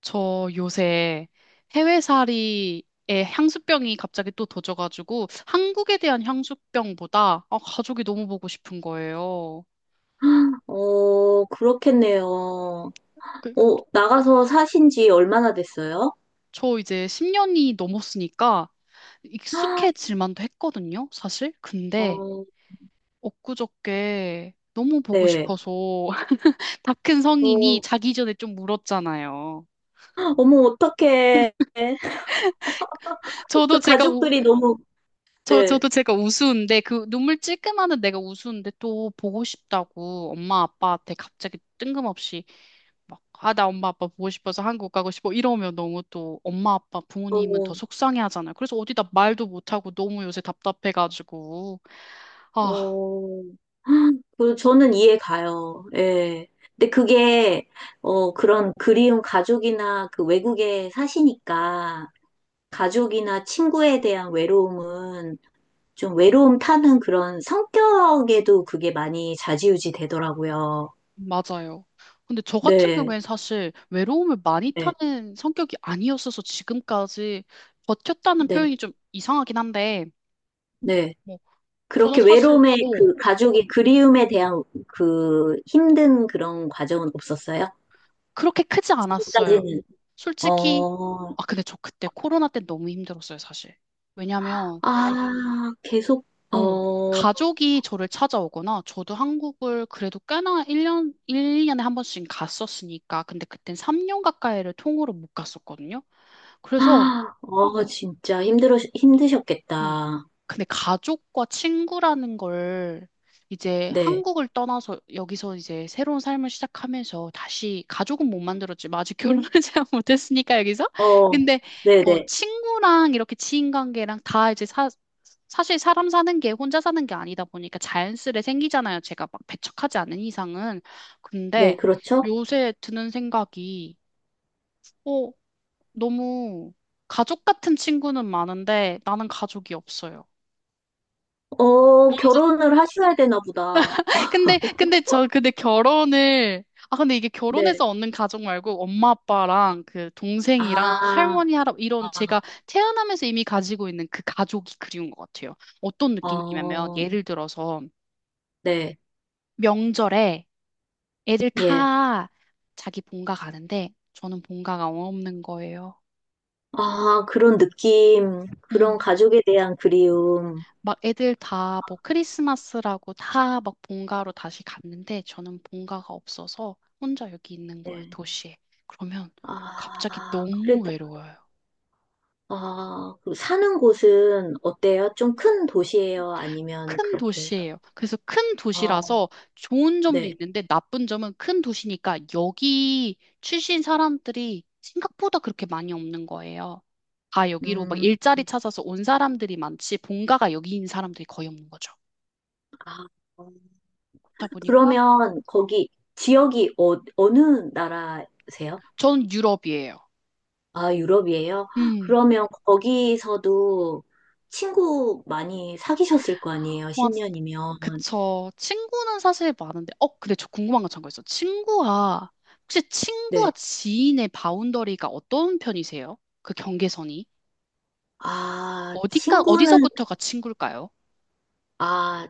저 요새 해외살이에 향수병이 갑자기 또 도져가지고 한국에 대한 향수병보다 아, 가족이 너무 보고 싶은 거예요. 어, 그렇겠네요. 그, 그, 어, 나가서 사신 지 얼마나 됐어요? 저 이제 10년이 넘었으니까 익숙해질 만도 했거든요, 사실. 근데 어, 엊그저께 너무 보고 네. 싶어서 다 큰 성인이 어, 자기 전에 좀 울었잖아요. 어머, 어떡해. 저도 제가 가족들이 너무, 네. 저도 제가 우스운데, 그 눈물 찔끔하는 내가 우스운데 또 보고 싶다고 엄마 아빠한테 갑자기 뜬금없이 막, 아, 나 엄마 아빠 보고 싶어서 한국 가고 싶어. 이러면 너무 또 엄마 아빠 부모님은 더 어, 속상해 하잖아요. 그래서 어디다 말도 못하고 너무 요새 답답해가지고. 아, 어. 그 저는 이해 가요. 예. 근데 그게, 어, 그런 그리운 가족이나 그 외국에 사시니까 가족이나 친구에 대한 외로움은 좀 외로움 타는 그런 성격에도 그게 많이 좌지우지 되더라고요. 맞아요. 근데 저 같은 네, 경우엔 사실 외로움을 많이 네, 타는 성격이 아니었어서 지금까지 버텼다는 네, 표현이 좀 이상하긴 한데, 네. 뭐, 저는 그렇게 사실, 외로움에 그 가족의 그리움에 대한 그 힘든 그런 과정은 없었어요? 그렇게 크지 않았어요. 지금까지는. 솔직히, 어, 아, 근데 저 그때 코로나 때 너무 힘들었어요, 사실. 왜냐면, 아, 계속, 어, 어, 가족이 저를 찾아오거나, 저도 한국을 그래도 꽤나 1년, 1, 2년에 한 번씩 갔었으니까, 근데 그땐 3년 가까이를 통으로 못 갔었거든요. 그래서, 아, 어, 진짜 힘들어, 응, 힘드셨겠다. 근데 가족과 친구라는 걸 이제 네, 한국을 떠나서 여기서 이제 새로운 삶을 시작하면서 다시 가족은 못 만들었지. 아직 결혼을 잘 못했으니까 여기서. 어, 근데 네네, 네, 친구랑 이렇게 지인 관계랑 다 이제 사실 사람 사는 게 혼자 사는 게 아니다 보니까 자연스레 생기잖아요. 제가 막 배척하지 않은 이상은. 네, 근데 그렇죠. 요새 드는 생각이 어, 너무 가족 같은 친구는 많은데 나는 가족이 없어요. 어, 결혼을 하셔야 되나 보다. 근데 결혼을, 아, 근데 이게 네. 결혼해서 얻는 가족 말고 엄마 아빠랑 그 동생이랑 아, 할머니, 할아버지, 이런 제가 아, 태어나면서 이미 가지고 있는 그 가족이 그리운 것 같아요. 어떤 느낌이냐면, 어, 예를 들어서 네, 명절에 애들 예. 다 자기 본가 가는데, 저는 본가가 없는 거예요. 아, 그런 느낌, 음. 그런 가족에 대한 그리움. 막 애들 다 뭐 크리스마스라고 다 막 본가로 다시 갔는데 저는 본가가 없어서 혼자 여기 있는 거예요, 네. 도시에. 그러면 갑자기 아, 너무 그래도, 외로워요. 아, 그 사는 곳은 어때요? 좀 큰 도시예요? 아니면 큰 그렇게? 도시예요. 그래서 큰 아, 도시라서 좋은 점도 네. 있는데 나쁜 점은 큰 도시니까 여기 출신 사람들이 생각보다 그렇게 많이 없는 거예요. 다 여기로 막 음, 일자리 찾아서 온 사람들이 많지 본가가 여기인 사람들이 거의 없는 거죠. 아, 어. 그렇다 보니까 그러면 거기 지역이 어, 어느 나라세요? 전 유럽이에요. 아, 유럽이에요? 음. 그러면 거기서도 친구 많이 사귀셨을 거 아니에요? 와, 10년이면. 그쵸. 친구는 사실 많은데, 근데 저 궁금한 거 참고 있어. 혹시 친구와 네. 지인의 바운더리가 어떤 편이세요? 그 경계선이? 아, 친구는, 어디서부터가 친구일까요? 아,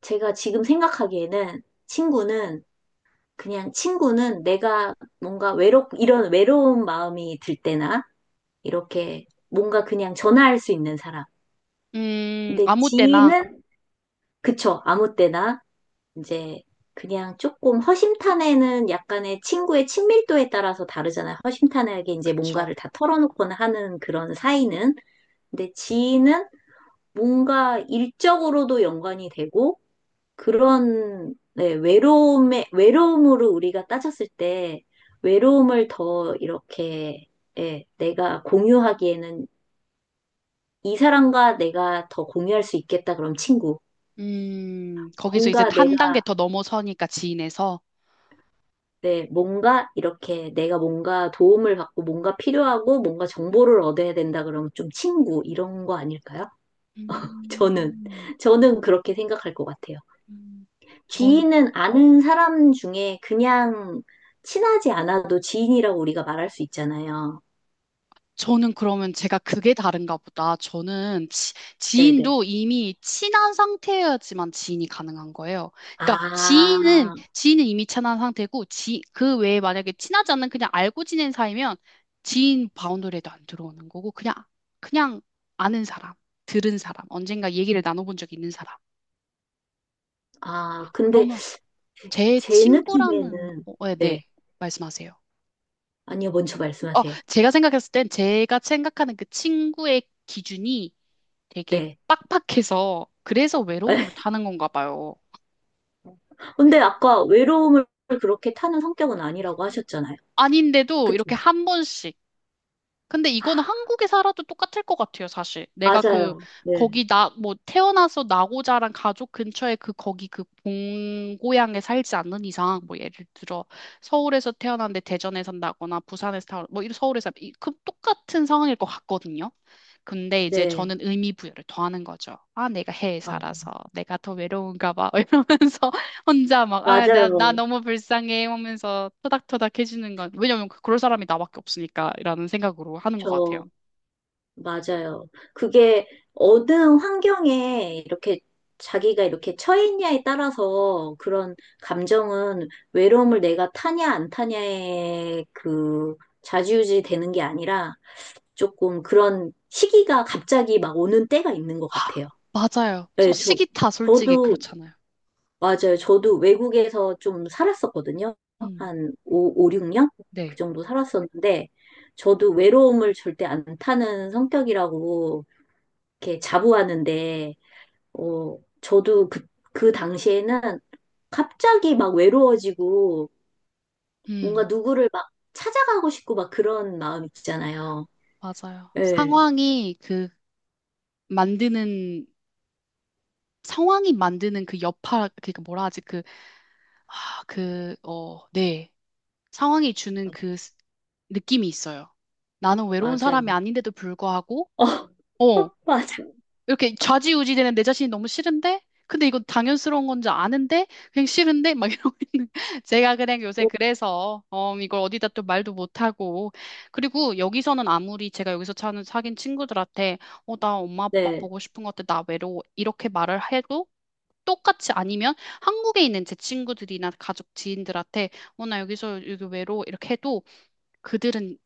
제가 지금 생각하기에는 친구는, 그냥 친구는 내가 뭔가 외롭, 이런 외로운 마음이 들 때나, 이렇게 뭔가 그냥 전화할 수 있는 사람. 근데 아무 때나, 지인은, 그쵸, 아무 때나, 이제 그냥 조금 허심탄회는 약간의 친구의 친밀도에 따라서 다르잖아요. 허심탄회하게 이제 그쵸. 뭔가를 다 털어놓거나 하는 그런 사이는. 근데 지인은 뭔가 일적으로도 연관이 되고, 그런 네, 외로움에 외로움으로 우리가 따졌을 때 외로움을 더 이렇게 예, 내가 공유하기에는 이 사람과 내가 더 공유할 수 있겠다 그럼 친구 거기서 이제 뭔가 한 내가 단계 더 넘어서니까 지인에서. 네, 뭔가 이렇게 내가 뭔가 도움을 받고 뭔가 필요하고 뭔가 정보를 얻어야 된다 그러면 좀 친구 이런 거 아닐까요? 저는 음, 저는 그렇게 생각할 것 같아요. 음, 지인은 아는 사람 중에 그냥 친하지 않아도 지인이라고 우리가 말할 수 있잖아요. 저는 그러면 제가 그게 다른가 보다. 저는 지, 네네. 지인도 이미 친한 상태여야지만 지인이 가능한 거예요. 그러니까 지인은, 아, 지인은 이미 친한 상태고, 그 외에 만약에 친하지 않는 그냥 알고 지낸 사이면 지인 바운더리에도 안 들어오는 거고, 그냥 아는 사람, 들은 사람, 언젠가 얘기를 나눠본 적 있는 사람. 아, 근데 그러면 제 제 친구라는, 느낌에는, 네, 네. 네, 말씀하세요. 아니요, 먼저 말씀하세요. 제가 생각했을 땐 제가 생각하는 그 친구의 기준이 되게 네. 빡빡해서 그래서 외로움을 타는 건가 봐요. 근데 아까 외로움을 그렇게 타는 성격은 아니라고 하셨잖아요. 아닌데도 그쵸? 이렇게 한 번씩. 근데 이거는 한국에 살아도 똑같을 것 같아요, 사실. 내가 그 맞아요. 네. 거기 나 뭐 태어나서 나고 자란 가족 근처에 그 거기 그 본고향에 살지 않는 이상 뭐 예를 들어 서울에서 태어났는데 대전에 산다거나 부산에서 태어나 뭐 이런 서울에서 그 똑같은 상황일 것 같거든요. 근데 이제 네. 저는 의미 부여를 더하는 거죠. 아, 내가 해외에 아, 살아서 내가 더 외로운가 봐. 이러면서 혼자 막, 아, 나 맞아요. 너무 불쌍해 하면서 토닥토닥 해주는 건, 왜냐면 그럴 사람이 나밖에 없으니까, 라는 생각으로 하는 것 같아요. 저, 맞아요. 그게 어느 환경에 이렇게 자기가 이렇게 처해 있냐에 따라서 그런 감정은 외로움을 내가 타냐 안 타냐에 그 좌지우지 되는 게 아니라 조금 그런 시기가 갑자기 막 오는 때가 있는 것 하, 같아요. 맞아요. 저 네, 저, 시기타 솔직히 저도, 그렇잖아요. 맞아요. 저도 외국에서 좀 살았었거든요. 음, 한 오 육 년 그 네. 정도 살았었는데, 저도 외로움을 절대 안 타는 성격이라고 이렇게 자부하는데, 어, 저도 그, 그 당시에는 갑자기 막 외로워지고, 뭔가 음, 누구를 막 찾아가고 싶고 막 그런 마음 있잖아요. 맞아요. 예, 만드는, 상황이 만드는 그 여파, 그니까 뭐라 하지, 그, 아, 그, 네. 상황이 주는 그 느낌이 있어요. 나는 외로운 사람이 맞아요. 아닌데도 불구하고, 어, 어, 맞아. 이렇게 좌지우지 되는 내 자신이 너무 싫은데? 근데 이거 당연스러운 건지 아는데? 그냥 싫은데? 막 이러고 있는. 제가 그냥 요새 어, 그래서, 이걸 어디다 또 말도 못하고. 그리고 여기서는 아무리 제가 여기서 차는 사귄 친구들한테, 나 엄마 아빠 네. 보고 싶은 것 같아. 나 외로워. 이렇게 말을 해도 똑같이 아니면 한국에 있는 제 친구들이나 가족 지인들한테, 나 여기서 여기 외로워. 이렇게 해도 그들은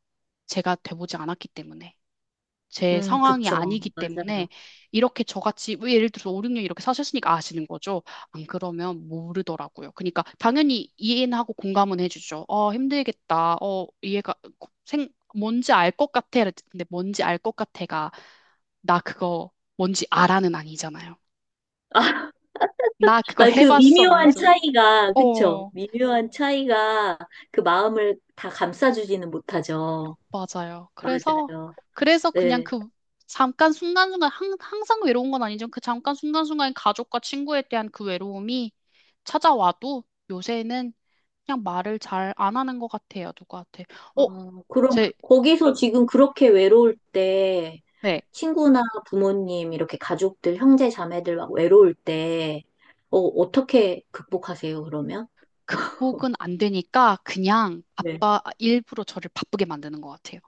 제가 돼보지 않았기 때문에. 제 상황이 그쵸. 아니기 때문에 맞아요. 이렇게 저같이 왜 예를 들어서 5, 6년 이렇게 사셨으니까 아시는 거죠. 안 그러면 모르더라고요. 그러니까 당연히 이해는 하고 공감은 해주죠. 어, 힘들겠다. 이해가 생 뭔지 알 것 같아. 근데 뭔지 알 것 같아가 나 그거 뭔지 알아는 아니잖아요. 아, 나 그거 아니, 그 해봤어 미묘한 아니잖아. 차이가, 그쵸. 어. 미묘한 차이가 그 마음을 다 감싸주지는 못하죠. 맞아요. 그래서, 맞아요. 그래서 그냥 네. 그 잠깐 순간순간, 항상 외로운 건 아니지만 그 잠깐 순간순간 가족과 친구에 대한 그 외로움이 찾아와도 요새는 그냥 말을 잘 안 하는 것 같아요, 누구한테. 어, 어, 그럼 제, 거기서 지금 그렇게 외로울 때 네, 친구나 부모님 이렇게 가족들 형제 자매들 막 외로울 때 어, 어떻게 극복하세요 그러면? 극복은 안 되니까 그냥 네. 아빠 일부러 저를 바쁘게 만드는 것 같아요.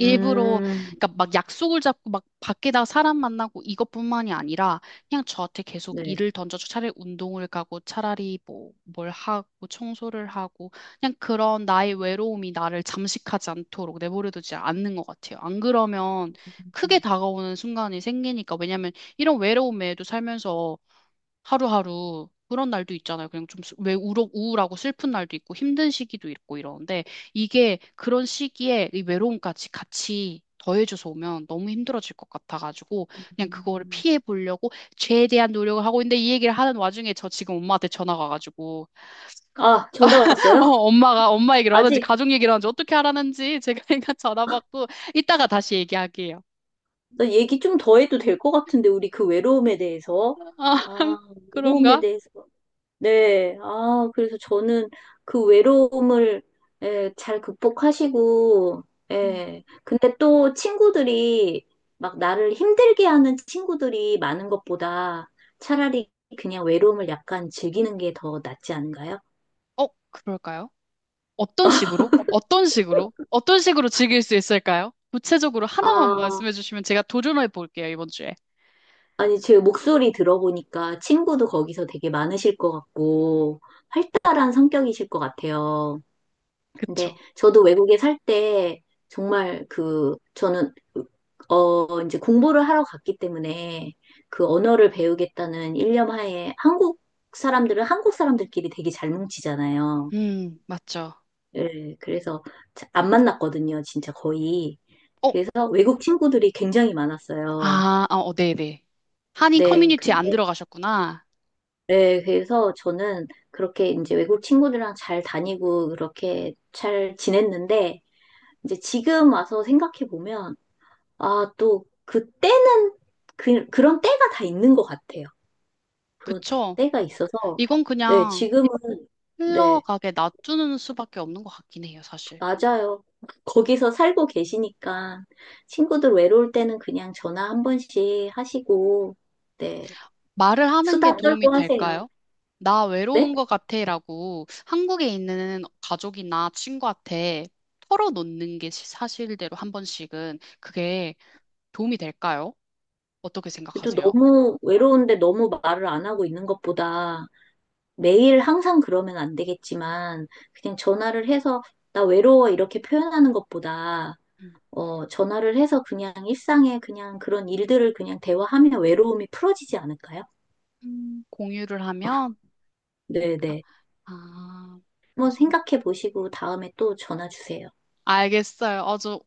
일부러 그러니까 막 약속을 잡고 막 밖에다 사람 만나고 이것뿐만이 아니라 그냥 저한테 계속 네. 일을 던져줘 차라리 운동을 가고 차라리 뭐 뭘 하고 청소를 하고 그냥 그런 나의 외로움이 나를 잠식하지 않도록 내버려두지 않는 것 같아요. 안 그러면 크게 음. 다가오는 순간이 생기니까 왜냐면 이런 외로움에도 살면서 하루하루 그런 날도 있잖아요. 그냥 좀 왜 우울하고 슬픈 날도 있고 힘든 시기도 있고 이러는데 이게 그런 시기에 이 외로움까지 같이 더해져서 오면 너무 힘들어질 것 같아가지고 그냥 그거를 피해 보려고 최대한 노력을 하고 있는데 이 얘기를 하는 와중에 저 지금 엄마한테 전화가 가지고 아, 전화 왔어요? 엄마가 엄마 얘기를 하는지 아직 가족 얘기를 하는지 어떻게 하라는지 제가 그냥 전화 받고 이따가 다시 얘기할게요. 나 얘기 좀 더 해도 될 것 같은데 우리 그 외로움에 대해서 아, 아, 외로움에 그런가? 대해서 네. 아, 그래서 저는 그 외로움을 예, 잘 극복하시고, 음. 예. 근데 또 친구들이 막 나를 힘들게 하는 친구들이 많은 것보다 차라리 그냥 외로움을 약간 즐기는 게 더 낫지 않은가요? 그럴까요? 어떤 식으로? 어떤 식으로? 어떤 식으로 즐길 수 있을까요? 구체적으로 하나만 아, 말씀해 주시면 제가 도전해 볼게요, 이번 주에. 아니, 제 목소리 들어보니까 친구도 거기서 되게 많으실 것 같고, 활달한 성격이실 것 같아요. 그쵸? 근데 저도 외국에 살 때 정말 그 저는 어 이제 공부를 하러 갔기 때문에 그 언어를 배우겠다는 일념 하에 한국 사람들은 한국 사람들끼리 되게 잘 뭉치잖아요. 맞죠. 예, 그래서 자- 안 만났거든요, 진짜 거의. 어, 그래서 외국 친구들이 굉장히 많았어요. 아, 아, 네네. 한인 네, 커뮤니티 안 근데 들어가셨구나. 네, 그래서 저는 그렇게 이제 외국 친구들이랑 잘 다니고 그렇게 잘 지냈는데 이제 지금 와서 생각해 보면 아, 또, 그때는, 그런 때가 다 있는 것 같아요. 그런 그쵸? 때가 있어서, 이건 네, 그냥 지금은, 네, 흘러가게 놔두는 수밖에 없는 것 같긴 해요, 사실. 맞아요. 거기서 살고 계시니까, 친구들 외로울 때는 그냥 전화 한 번씩 하시고, 네, 말을 하는 게 수다 도움이 떨고 하세요. 될까요? 나 네? 외로운 것 같아라고 한국에 있는 가족이나 친구한테 털어놓는 게 사실대로 한 번씩은 그게 도움이 될까요? 어떻게 또 생각하세요? 너무 외로운데 너무 말을 안 하고 있는 것보다 매일 항상 그러면 안 되겠지만, 그냥 전화를 해서, 나 외로워 이렇게 표현하는 것보다, 음. 어, 전화를 해서 그냥 일상에 그냥 그런 일들을 그냥 대화하면 외로움이 풀어지지 않을까요? 공유를 하면, 네네. 아, 한번 무슨, 생각해 보시고 다음에 또 전화 주세요. 알겠어요. 아주,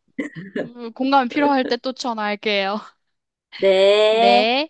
공감이 필요할 때 또 전화할게요. 네. 네.